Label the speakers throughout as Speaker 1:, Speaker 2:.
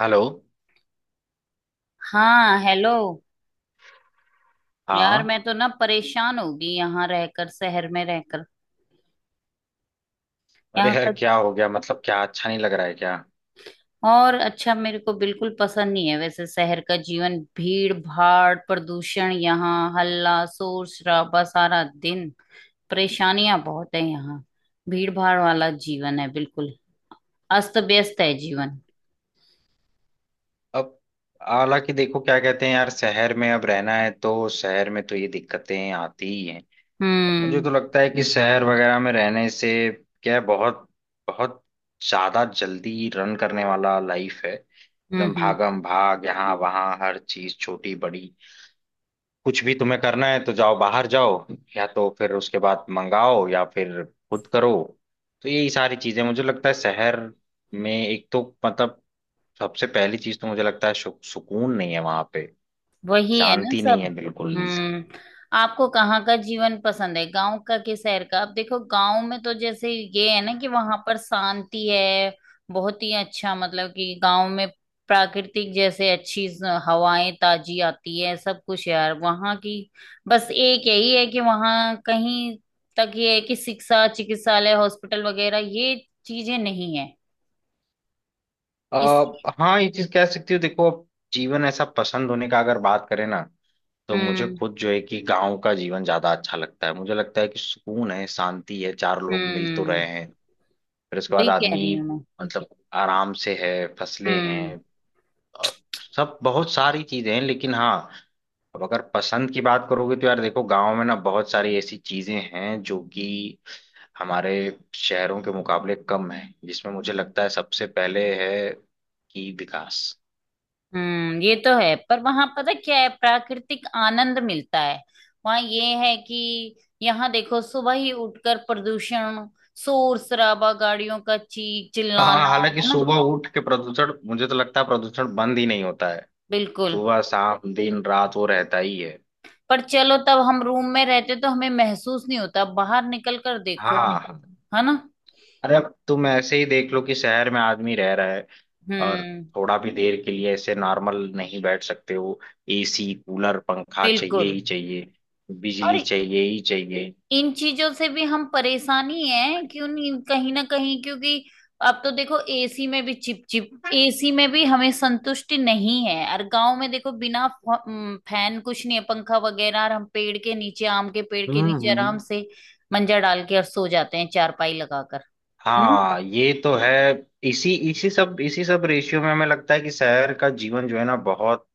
Speaker 1: Hello.
Speaker 2: हाँ, hello. यार
Speaker 1: हाँ।
Speaker 2: मैं तो ना परेशान हो गई यहाँ रहकर, शहर में रहकर।
Speaker 1: अरे
Speaker 2: यहाँ
Speaker 1: यार
Speaker 2: का।
Speaker 1: क्या हो गया, मतलब क्या अच्छा नहीं लग रहा है क्या?
Speaker 2: और अच्छा, मेरे को बिल्कुल पसंद नहीं है वैसे शहर का जीवन, भीड़ भाड़, प्रदूषण, यहाँ हल्ला शोर शराबा सारा दिन। परेशानियां बहुत है यहाँ। भीड़ भाड़ वाला जीवन है बिल्कुल। अस्त व्यस्त है जीवन।
Speaker 1: अब हालांकि देखो क्या कहते हैं यार, शहर में अब रहना है तो शहर में तो ये दिक्कतें आती ही हैं। मुझे तो
Speaker 2: हम्म।
Speaker 1: लगता है कि शहर वगैरह में रहने से क्या है, बहुत बहुत ज्यादा जल्दी रन करने वाला लाइफ है,
Speaker 2: हम्म।
Speaker 1: एकदम
Speaker 2: हम्म।
Speaker 1: भागम भाग यहाँ वहाँ हर चीज छोटी बड़ी। कुछ भी तुम्हें करना है तो जाओ बाहर जाओ, या तो फिर उसके बाद मंगाओ या फिर खुद करो। तो यही सारी चीजें मुझे लगता है शहर में, एक तो मतलब सबसे पहली चीज तो मुझे लगता है सुकून नहीं है वहां पे,
Speaker 2: वही है ना
Speaker 1: शांति
Speaker 2: सब।
Speaker 1: नहीं है बिल्कुल।
Speaker 2: हम्म। आपको कहाँ का जीवन पसंद है, गांव का कि शहर का? आप देखो गांव में तो जैसे ये है ना कि वहां पर शांति है। बहुत ही अच्छा मतलब कि गांव में। प्राकृतिक जैसे अच्छी हवाएं ताजी आती है सब कुछ यार वहां की। बस एक यही है कि वहां कहीं तक ये है कि शिक्षा, चिकित्सालय, हॉस्पिटल वगैरह ये चीजें नहीं है।
Speaker 1: आ,
Speaker 2: इसी
Speaker 1: हाँ ये चीज कह सकती हो। देखो अब जीवन ऐसा पसंद होने का अगर बात करें ना, तो मुझे
Speaker 2: हम्म।
Speaker 1: खुद जो है कि गांव का जीवन ज्यादा अच्छा लगता है। मुझे लगता है कि सुकून है, शांति है, चार लोग मिल तो
Speaker 2: हम्म।
Speaker 1: रहे हैं। फिर उसके बाद
Speaker 2: वही कह
Speaker 1: आदमी
Speaker 2: रही हूँ मैं।
Speaker 1: मतलब आराम से है, फसले
Speaker 2: हम्म।
Speaker 1: हैं और सब बहुत सारी चीजें हैं। लेकिन हाँ, अब अगर पसंद की बात करोगे तो यार देखो गांव में ना बहुत सारी ऐसी चीजें हैं जो कि हमारे शहरों के मुकाबले कम है, जिसमें मुझे लगता है सबसे पहले है कि विकास।
Speaker 2: हम्म। ये तो है, पर वहां पता क्या है, प्राकृतिक आनंद मिलता है। वहां ये है कि यहाँ देखो सुबह ही उठकर प्रदूषण, शोर शराबा, गाड़ियों का चीख
Speaker 1: हाँ
Speaker 2: चिल्लाना।
Speaker 1: हालांकि
Speaker 2: है ना।
Speaker 1: सुबह उठ के प्रदूषण, मुझे तो लगता है प्रदूषण बंद ही नहीं होता है,
Speaker 2: बिल्कुल।
Speaker 1: सुबह शाम दिन रात वो रहता ही है।
Speaker 2: पर चलो, तब हम रूम में रहते तो हमें महसूस नहीं होता, बाहर निकल कर देखो।
Speaker 1: हाँ,
Speaker 2: है ना।
Speaker 1: अरे अब तुम ऐसे ही देख लो कि शहर में आदमी रह रहा है, और
Speaker 2: हम्म।
Speaker 1: थोड़ा भी देर के लिए ऐसे नॉर्मल नहीं बैठ सकते हो। एसी कूलर पंखा चाहिए
Speaker 2: बिल्कुल।
Speaker 1: ही चाहिए,
Speaker 2: और
Speaker 1: बिजली चाहिए ही चाहिए।
Speaker 2: इन चीजों से भी हम परेशान ही हैं, क्यों नहीं, कहीं ना कहीं, क्योंकि अब तो देखो एसी में भी चिप चिप, एसी में भी हमें संतुष्टि नहीं है। और गांव में देखो बिना फैन कुछ नहीं है, पंखा वगैरह, और हम पेड़ के नीचे, आम के पेड़ के
Speaker 1: हम्म
Speaker 2: नीचे आराम
Speaker 1: हम्म।
Speaker 2: से मंजा डाल के और सो जाते हैं चारपाई लगाकर। हम्म।
Speaker 1: हाँ ये तो है। इसी इसी सब रेशियो में हमें लगता है कि शहर का जीवन जो है ना बहुत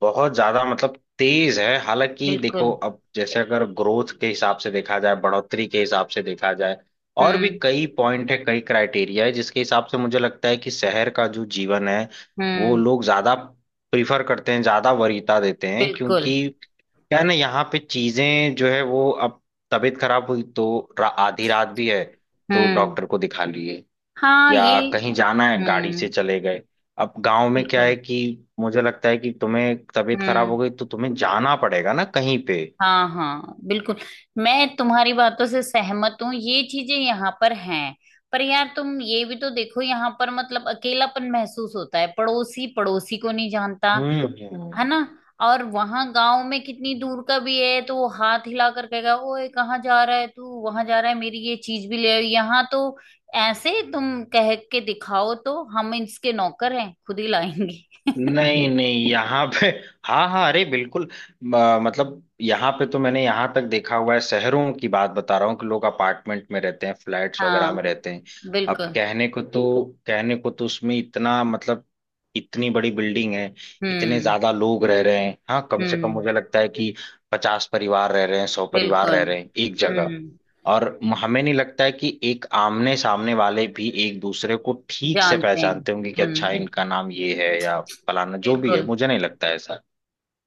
Speaker 1: बहुत ज्यादा मतलब तेज है। हालांकि देखो
Speaker 2: बिल्कुल।
Speaker 1: अब जैसे अगर ग्रोथ के हिसाब से देखा जाए, बढ़ोतरी के हिसाब से देखा जाए, और भी
Speaker 2: हम्म।
Speaker 1: कई पॉइंट है, कई क्राइटेरिया है, जिसके हिसाब से मुझे लगता है कि शहर का जो जीवन है वो
Speaker 2: हम्म।
Speaker 1: लोग ज्यादा प्रीफर करते हैं, ज्यादा वरीयता देते हैं।
Speaker 2: बिल्कुल।
Speaker 1: क्योंकि क्या है ना यहाँ पे चीजें जो है वो, अब तबीयत खराब हुई तो आधी रात भी है तो
Speaker 2: हम्म।
Speaker 1: डॉक्टर को दिखा लिए,
Speaker 2: हाँ ये।
Speaker 1: या कहीं जाना है गाड़ी से
Speaker 2: हम्म।
Speaker 1: चले गए। अब गांव में क्या
Speaker 2: बिल्कुल।
Speaker 1: है कि मुझे लगता है कि तुम्हें तबीयत खराब हो
Speaker 2: हम्म।
Speaker 1: गई तो तुम्हें जाना पड़ेगा ना कहीं पे।
Speaker 2: हाँ हाँ बिल्कुल। मैं तुम्हारी बातों से सहमत हूँ, ये चीजें यहाँ पर हैं। पर यार तुम ये भी तो देखो, यहाँ पर मतलब अकेलापन महसूस होता है, पड़ोसी पड़ोसी को नहीं जानता।
Speaker 1: हम्म।
Speaker 2: है ना। और वहां गांव में कितनी दूर का भी है तो वो हाथ हिला कर कहेगा, ओए कहाँ जा रहा है तू, वहां जा रहा है मेरी ये चीज भी ले आओ। यहाँ तो ऐसे तुम कह के दिखाओ, तो हम इसके नौकर हैं, खुद ही लाएंगे।
Speaker 1: नहीं नहीं यहाँ पे हाँ हाँ अरे बिल्कुल। मतलब यहाँ पे तो मैंने यहाँ तक देखा हुआ है, शहरों की बात बता रहा हूँ कि लोग अपार्टमेंट में रहते हैं, फ्लैट्स वगैरह में
Speaker 2: हाँ
Speaker 1: रहते हैं। अब
Speaker 2: बिल्कुल।
Speaker 1: कहने को तो उसमें इतना मतलब इतनी बड़ी बिल्डिंग है, इतने
Speaker 2: हम्म।
Speaker 1: ज्यादा लोग रह रहे हैं। हाँ कम से कम
Speaker 2: हम्म।
Speaker 1: मुझे लगता है कि 50 परिवार रह रहे हैं, 100 परिवार रह
Speaker 2: बिल्कुल।
Speaker 1: रहे हैं एक जगह।
Speaker 2: हम्म।
Speaker 1: और हमें नहीं लगता है कि एक आमने सामने वाले भी एक दूसरे को ठीक से
Speaker 2: जानते हैं।
Speaker 1: पहचानते होंगे कि अच्छा
Speaker 2: हम्म।
Speaker 1: इनका नाम ये है या फलाना जो भी है,
Speaker 2: बिल्कुल।
Speaker 1: मुझे नहीं लगता है ऐसा।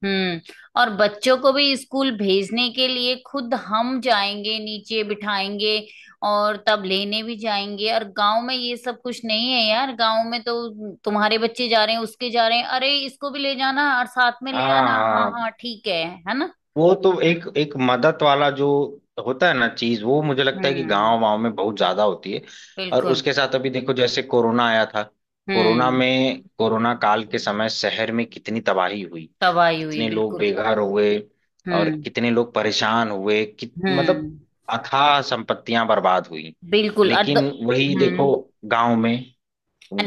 Speaker 2: हम्म। और बच्चों को भी स्कूल भेजने के लिए खुद हम जाएंगे, नीचे बिठाएंगे, और तब लेने भी जाएंगे। और गांव में ये सब कुछ नहीं है यार, गांव में तो तुम्हारे बच्चे जा रहे हैं, उसके जा रहे हैं, अरे इसको भी ले जाना और साथ में ले
Speaker 1: हाँ
Speaker 2: आना, हाँ
Speaker 1: हाँ
Speaker 2: हाँ ठीक है ना।
Speaker 1: वो तो एक एक मदद वाला जो होता है ना चीज, वो मुझे लगता है कि
Speaker 2: हम्म।
Speaker 1: गांव वाँव में बहुत ज्यादा होती है। और
Speaker 2: बिल्कुल।
Speaker 1: उसके साथ अभी देखो जैसे कोरोना आया था, कोरोना
Speaker 2: हम्म।
Speaker 1: में कोरोना काल के समय शहर में कितनी तबाही हुई,
Speaker 2: तबाही हुई
Speaker 1: कितने लोग
Speaker 2: बिल्कुल।
Speaker 1: बेघर हुए और
Speaker 2: हम्म।
Speaker 1: कितने लोग परेशान हुए,
Speaker 2: हम्म।
Speaker 1: मतलब अथाह संपत्तियां बर्बाद हुई।
Speaker 2: बिल्कुल
Speaker 1: लेकिन वही
Speaker 2: हम्म।
Speaker 1: देखो गांव में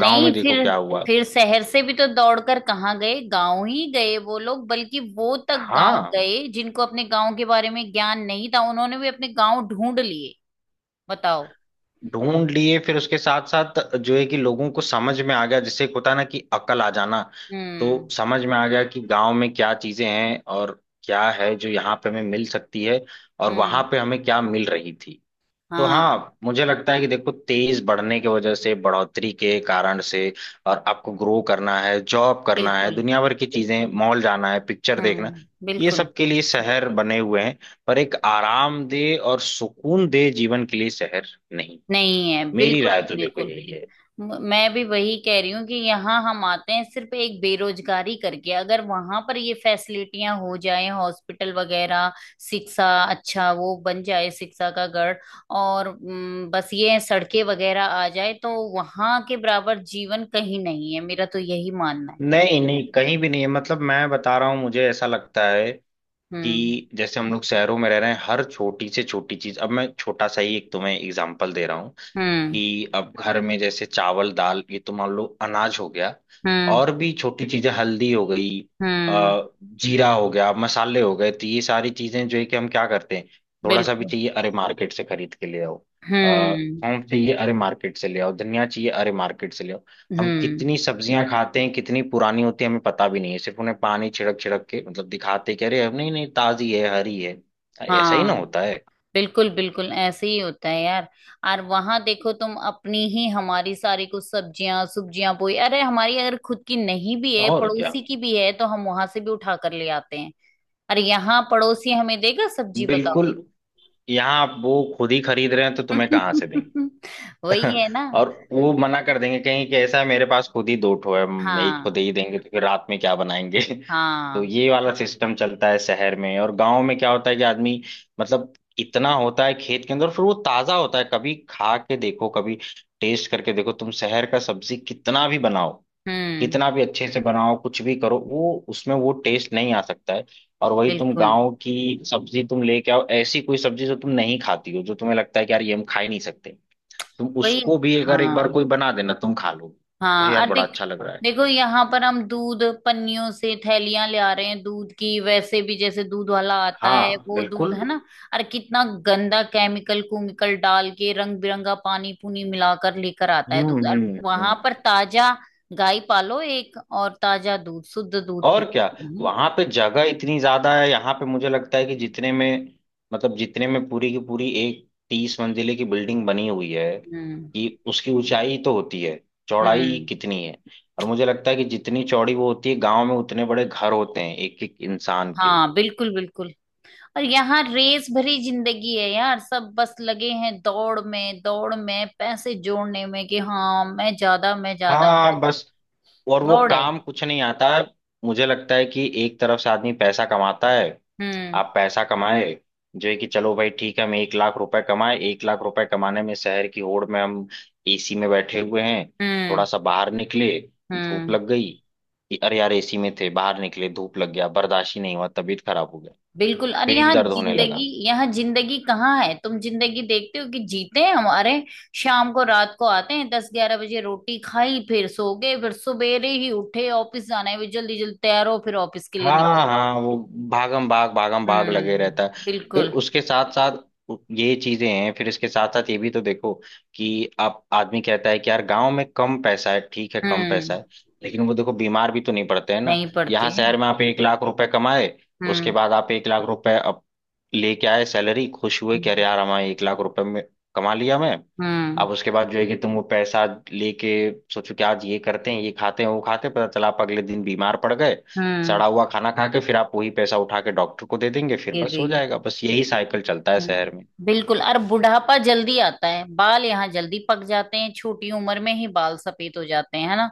Speaker 1: गांव में देखो
Speaker 2: फिर।
Speaker 1: क्या हुआ।
Speaker 2: फिर शहर से भी तो दौड़कर कहाँ गए, गांव ही गए वो लोग। बल्कि वो तक गांव
Speaker 1: हाँ
Speaker 2: गए जिनको अपने गांव के बारे में ज्ञान नहीं था, उन्होंने भी अपने गांव ढूंढ लिए। बताओ।
Speaker 1: ढूंढ लिए। फिर उसके साथ साथ जो है कि लोगों को समझ में आ गया, जिससे एक होता है ना कि अकल आ जाना, तो
Speaker 2: हम्म।
Speaker 1: समझ में आ गया कि गांव में क्या चीजें हैं और क्या है जो यहाँ पे हमें मिल सकती है और वहां
Speaker 2: हम्म।
Speaker 1: पे हमें क्या मिल रही थी। तो
Speaker 2: हाँ।
Speaker 1: हाँ मुझे लगता है कि देखो तेज बढ़ने की वजह से, बढ़ोतरी के कारण से, और आपको ग्रो करना है, जॉब करना है,
Speaker 2: बिल्कुल।
Speaker 1: दुनिया भर की चीजें, मॉल जाना है, पिक्चर देखना,
Speaker 2: हम्म।
Speaker 1: ये
Speaker 2: बिल्कुल।
Speaker 1: सब के लिए शहर बने हुए हैं। पर एक आरामदेह और सुकून दे जीवन के लिए शहर नहीं।
Speaker 2: नहीं है
Speaker 1: मेरी
Speaker 2: बिल्कुल
Speaker 1: राय तो देखो
Speaker 2: बिल्कुल।
Speaker 1: यही है।
Speaker 2: मैं भी वही कह रही हूँ कि यहाँ हम आते हैं सिर्फ एक बेरोजगारी करके, अगर वहां पर ये फैसिलिटियां हो जाए, हॉस्पिटल वगैरह, शिक्षा, अच्छा वो बन जाए शिक्षा का गढ़, और बस ये सड़कें वगैरह आ जाए, तो वहां के बराबर जीवन कहीं नहीं है, मेरा तो यही मानना है।
Speaker 1: नहीं नहीं कहीं भी नहीं है, मतलब मैं बता रहा हूँ, मुझे ऐसा लगता है
Speaker 2: हम्म।
Speaker 1: कि जैसे हम लोग शहरों में रह रहे हैं हर छोटी से छोटी चीज, अब मैं छोटा सा ही एक तुम्हें एग्जांपल दे रहा हूँ
Speaker 2: हम्म।
Speaker 1: कि अब घर में जैसे चावल दाल ये तो मान लो अनाज हो गया,
Speaker 2: हम्म।
Speaker 1: और भी छोटी चीजें हल्दी हो गई,
Speaker 2: हम्म।
Speaker 1: जीरा हो गया, मसाले हो गए, तो ये सारी चीजें जो है कि हम क्या करते हैं, थोड़ा सा भी
Speaker 2: बिल्कुल।
Speaker 1: चाहिए अरे मार्केट से खरीद के ले आओ। अ,
Speaker 2: हम्म।
Speaker 1: सौंफ चाहिए अरे मार्केट से ले आओ, धनिया चाहिए अरे मार्केट से ले आओ। हम
Speaker 2: हम्म।
Speaker 1: कितनी सब्जियां खाते हैं, कितनी पुरानी होती है हमें पता भी नहीं है, सिर्फ उन्हें पानी छिड़क छिड़क के मतलब दिखाते कि अरे नहीं नहीं ताजी है हरी है। ऐसा ही ना
Speaker 2: हाँ
Speaker 1: होता है।
Speaker 2: बिल्कुल बिल्कुल ऐसे ही होता है यार। और वहां देखो तुम अपनी ही, हमारी सारी कुछ सब्जियां सब्जियां बोई, अरे हमारी अगर खुद की नहीं भी है,
Speaker 1: और क्या
Speaker 2: पड़ोसी की भी है, तो हम वहां से भी उठा कर ले आते हैं। अरे यहाँ पड़ोसी हमें देगा सब्जी, बताओ।
Speaker 1: बिल्कुल, यहाँ आप वो खुद ही खरीद रहे हैं तो तुम्हें कहाँ से देंगे।
Speaker 2: वही है ना।
Speaker 1: और वो मना कर देंगे कहीं कि ऐसा है मेरे पास खुद ही दो ठो है, हम एक
Speaker 2: हाँ
Speaker 1: खुद ही देंगे तो फिर रात में क्या बनाएंगे। तो
Speaker 2: हाँ।
Speaker 1: ये वाला सिस्टम चलता है शहर में। और गांव में क्या होता है कि आदमी मतलब इतना होता है खेत के अंदर, फिर वो ताजा होता है, कभी खा के देखो, कभी टेस्ट करके देखो। तुम शहर का सब्जी कितना भी बनाओ,
Speaker 2: हम्म।
Speaker 1: कितना भी अच्छे से बनाओ, कुछ भी करो वो उसमें वो टेस्ट नहीं आ सकता है। और वही तुम
Speaker 2: बिल्कुल।
Speaker 1: गांव की सब्जी तुम लेके आओ, ऐसी कोई सब्जी जो तुम नहीं खाती हो, जो तुम्हें लगता है कि यार ये हम खा ही नहीं सकते, तुम
Speaker 2: वही।
Speaker 1: उसको भी अगर
Speaker 2: हाँ
Speaker 1: एक बार कोई बना देना तुम खा लो। यार
Speaker 2: हाँ
Speaker 1: यार
Speaker 2: और
Speaker 1: बड़ा
Speaker 2: देख।
Speaker 1: अच्छा लग रहा है।
Speaker 2: देखो यहाँ पर हम दूध पन्नियों से थैलियां ले आ रहे हैं, दूध की, वैसे भी जैसे दूध वाला आता है
Speaker 1: हाँ
Speaker 2: वो दूध
Speaker 1: बिल्कुल।
Speaker 2: है ना, और कितना गंदा केमिकल कुमिकल डाल के, रंग बिरंगा पानी पुनी मिलाकर लेकर आता है
Speaker 1: हम्म
Speaker 2: दूध। और
Speaker 1: हम्म हम्म।
Speaker 2: वहां पर ताजा, गाय पालो एक, और ताजा दूध, शुद्ध दूध
Speaker 1: और
Speaker 2: पी।
Speaker 1: क्या,
Speaker 2: हम्म।
Speaker 1: वहां पे जगह इतनी ज्यादा है। यहाँ पे मुझे लगता है कि जितने में, मतलब जितने में पूरी की पूरी एक 30 मंजिले की बिल्डिंग बनी हुई है,
Speaker 2: हम्म।
Speaker 1: कि उसकी ऊंचाई तो होती है, चौड़ाई
Speaker 2: हम्म।
Speaker 1: कितनी है। और मुझे लगता है कि जितनी चौड़ी वो होती है गांव में उतने बड़े घर होते हैं एक एक इंसान के।
Speaker 2: हाँ बिल्कुल बिल्कुल। और यहाँ रेस भरी जिंदगी है यार, सब बस लगे हैं दौड़ में, दौड़ में पैसे जोड़ने में कि हाँ मैं ज्यादा, मैं ज्यादा।
Speaker 1: हाँ बस, और वो
Speaker 2: दौड़ है।
Speaker 1: काम कुछ नहीं आता है। मुझे लगता है कि एक तरफ से आदमी पैसा कमाता है,
Speaker 2: हम्म।
Speaker 1: आप पैसा कमाए, जो है कि चलो भाई ठीक है हम 1 लाख रुपए कमाए, 1 लाख रुपए कमाने में शहर की होड़ में हम एसी में बैठे हुए हैं, थोड़ा
Speaker 2: हम्म।
Speaker 1: सा बाहर निकले धूप
Speaker 2: हम्म।
Speaker 1: लग गई, कि अरे यार एसी में थे बाहर निकले धूप लग गया, बर्दाश्त ही नहीं हुआ, तबीयत खराब हो गया,
Speaker 2: बिल्कुल। अरे
Speaker 1: पेट
Speaker 2: यहाँ
Speaker 1: दर्द होने
Speaker 2: जिंदगी,
Speaker 1: लगा।
Speaker 2: यहाँ जिंदगी कहाँ है, तुम जिंदगी देखते हो कि जीते हैं हमारे, शाम को रात को आते हैं 10-11 बजे, रोटी खाई, फिर सो गए, फिर सवेरे ही उठे, ऑफिस जाना है भी, जल्दी जल्दी तैयार हो फिर ऑफिस के लिए निकल
Speaker 1: हाँ
Speaker 2: गए।
Speaker 1: हाँ, वो भागम भाग लगे
Speaker 2: हम्म।
Speaker 1: रहता है। फिर
Speaker 2: बिल्कुल।
Speaker 1: उसके साथ साथ ये चीजें हैं, फिर इसके साथ साथ ये भी तो देखो, कि आप आदमी कहता है कि यार गांव में कम पैसा है, ठीक है कम पैसा
Speaker 2: हम्म।
Speaker 1: है, लेकिन वो देखो बीमार भी तो नहीं पड़ते हैं ना।
Speaker 2: नहीं पढ़ते।
Speaker 1: यहाँ शहर में आप 1 लाख रुपए कमाए, उसके
Speaker 2: हम्म।
Speaker 1: बाद आप 1 लाख रुपए अब लेके आए सैलरी, खुश हुए कि अरे
Speaker 2: हम्म।
Speaker 1: यार हमारे 1 लाख रुपए में कमा लिया मैं। अब उसके बाद जो है कि तुम वो पैसा लेके सोचो कि आज ये करते हैं, ये खाते हैं, वो खाते हैं, पता चला आप अगले दिन बीमार पड़ गए,
Speaker 2: हम्म।
Speaker 1: सड़ा हुआ खाना खा के, फिर आप वही पैसा उठा के डॉक्टर को दे देंगे, फिर
Speaker 2: ये
Speaker 1: बस हो
Speaker 2: देख।
Speaker 1: जाएगा, बस यही साइकिल चलता है शहर
Speaker 2: हम्म,
Speaker 1: में।
Speaker 2: बिल्कुल। और बुढ़ापा जल्दी आता है, बाल यहाँ जल्दी पक जाते हैं, छोटी उम्र में ही बाल सफेद हो जाते हैं, है ना।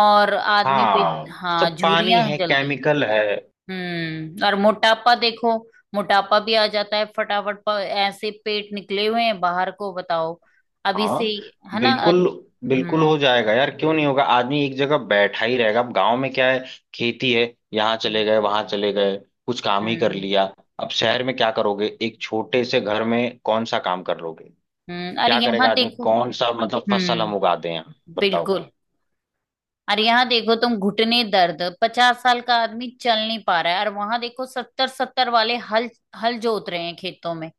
Speaker 2: और आदमी पे।
Speaker 1: हाँ
Speaker 2: हाँ,
Speaker 1: सब पानी
Speaker 2: झुर्रियां
Speaker 1: है,
Speaker 2: जल्दी।
Speaker 1: केमिकल है।
Speaker 2: हम्म। और मोटापा देखो, मोटापा भी आ जाता है फटाफट, ऐसे पेट निकले हुए हैं बाहर को, बताओ। अभी से
Speaker 1: हाँ
Speaker 2: ही, है ना।
Speaker 1: बिल्कुल, बिल्कुल
Speaker 2: हम्म।
Speaker 1: हो जाएगा यार क्यों नहीं होगा, आदमी एक जगह बैठा ही रहेगा। अब गांव में क्या है, खेती है, यहाँ चले गए, वहां चले गए, कुछ काम ही कर
Speaker 2: हम्म।
Speaker 1: लिया। अब शहर में क्या करोगे, एक छोटे से घर में कौन सा काम कर लोगे,
Speaker 2: हम्म। और
Speaker 1: क्या करेगा
Speaker 2: यहाँ
Speaker 1: आदमी,
Speaker 2: देखो।
Speaker 1: कौन सा मतलब फसल हम उगा
Speaker 2: हम्म।
Speaker 1: दें यहाँ बताओ।
Speaker 2: बिल्कुल। और यहाँ देखो तुम, घुटने दर्द, 50 साल का आदमी चल नहीं पा रहा है, और वहां देखो सत्तर सत्तर वाले हल, हल जोत रहे हैं खेतों में।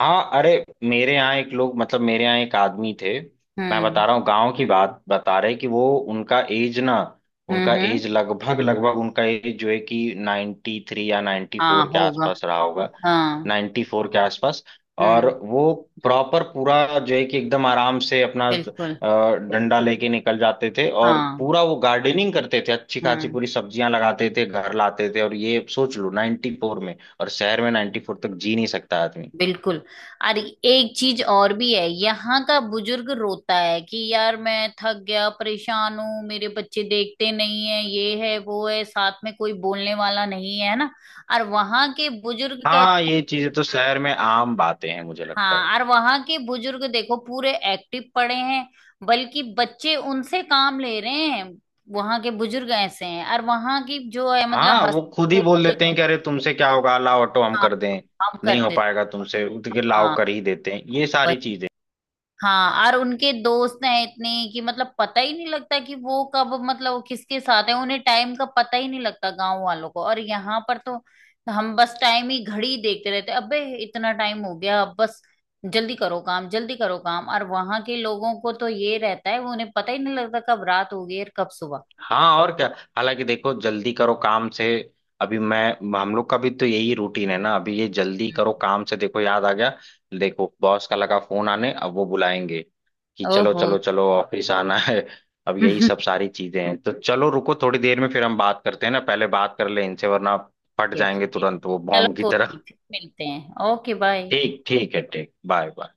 Speaker 1: हाँ अरे, मेरे यहाँ एक लोग मतलब मेरे यहाँ एक आदमी थे, मैं बता
Speaker 2: हम्म।
Speaker 1: रहा हूँ गांव की बात बता रहे कि वो, उनका एज ना, उनका
Speaker 2: हम्म।
Speaker 1: एज
Speaker 2: हम्म।
Speaker 1: लगभग लगभग, उनका एज जो है कि 93 या नाइन्टी
Speaker 2: हाँ
Speaker 1: फोर के
Speaker 2: होगा।
Speaker 1: आसपास रहा होगा,
Speaker 2: हाँ।
Speaker 1: 94 के आसपास। और
Speaker 2: हम्म।
Speaker 1: वो प्रॉपर पूरा जो है कि एकदम आराम से अपना
Speaker 2: बिल्कुल।
Speaker 1: डंडा लेके निकल जाते थे, और
Speaker 2: हाँ।
Speaker 1: पूरा वो गार्डनिंग करते थे, अच्छी खासी
Speaker 2: हम्म।
Speaker 1: पूरी सब्जियां लगाते थे, घर लाते थे। और ये सोच लो 94 में, और शहर में 94 तक जी नहीं सकता आदमी।
Speaker 2: बिल्कुल। और एक चीज और भी है, यहाँ का बुजुर्ग रोता है कि यार मैं थक गया, परेशान हूँ, मेरे बच्चे देखते नहीं है, ये है वो है, साथ में कोई बोलने वाला नहीं है, ना। और वहां के बुजुर्ग।
Speaker 1: हाँ ये चीजें तो शहर में आम बातें हैं मुझे लगता है।
Speaker 2: हाँ, और वहां के बुजुर्ग देखो पूरे एक्टिव पड़े हैं, बल्कि बच्चे उनसे काम ले रहे हैं। वहां के बुजुर्ग ऐसे हैं, और वहां की जो है मतलब
Speaker 1: हाँ वो खुद
Speaker 2: हंसते
Speaker 1: ही बोल
Speaker 2: बोलते।
Speaker 1: देते हैं कि अरे तुमसे क्या होगा, लाओ ऑटो हम
Speaker 2: हाँ,
Speaker 1: कर दें,
Speaker 2: हम
Speaker 1: नहीं हो
Speaker 2: करते।
Speaker 1: पाएगा तुमसे उठ के लाओ,
Speaker 2: हाँ।
Speaker 1: कर ही देते हैं ये सारी
Speaker 2: वही।
Speaker 1: चीजें।
Speaker 2: हाँ, और उनके दोस्त हैं इतने कि मतलब पता ही नहीं लगता कि वो कब, मतलब वो किसके साथ है, उन्हें टाइम का पता ही नहीं लगता गांव वालों को। और यहाँ पर तो हम बस टाइम ही घड़ी देखते रहते हैं, अबे इतना टाइम हो गया अब बस, जल्दी करो काम, जल्दी करो काम। और वहां के लोगों को तो ये रहता है, वो उन्हें पता ही नहीं लगता कब रात हो गई और कब सुबह।
Speaker 1: हाँ और क्या, हालांकि देखो जल्दी करो काम से, अभी मैं हम लोग का भी तो यही रूटीन है ना, अभी ये जल्दी करो काम से देखो याद आ गया, देखो बॉस का लगा फोन आने, अब वो बुलाएंगे कि चलो
Speaker 2: ओहो।
Speaker 1: चलो चलो ऑफिस आना है। अब यही सब
Speaker 2: ठीक
Speaker 1: सारी चीजें हैं तो चलो रुको थोड़ी देर में फिर हम बात करते हैं ना, पहले बात कर ले इनसे वरना फट
Speaker 2: है।
Speaker 1: जाएंगे
Speaker 2: ठीक है
Speaker 1: तुरंत वो
Speaker 2: चलो,
Speaker 1: बॉम्ब की
Speaker 2: कोई
Speaker 1: तरह।
Speaker 2: नहीं, फिर मिलते हैं, ओके बाय।
Speaker 1: ठीक ठीक है ठीक, बाय बाय।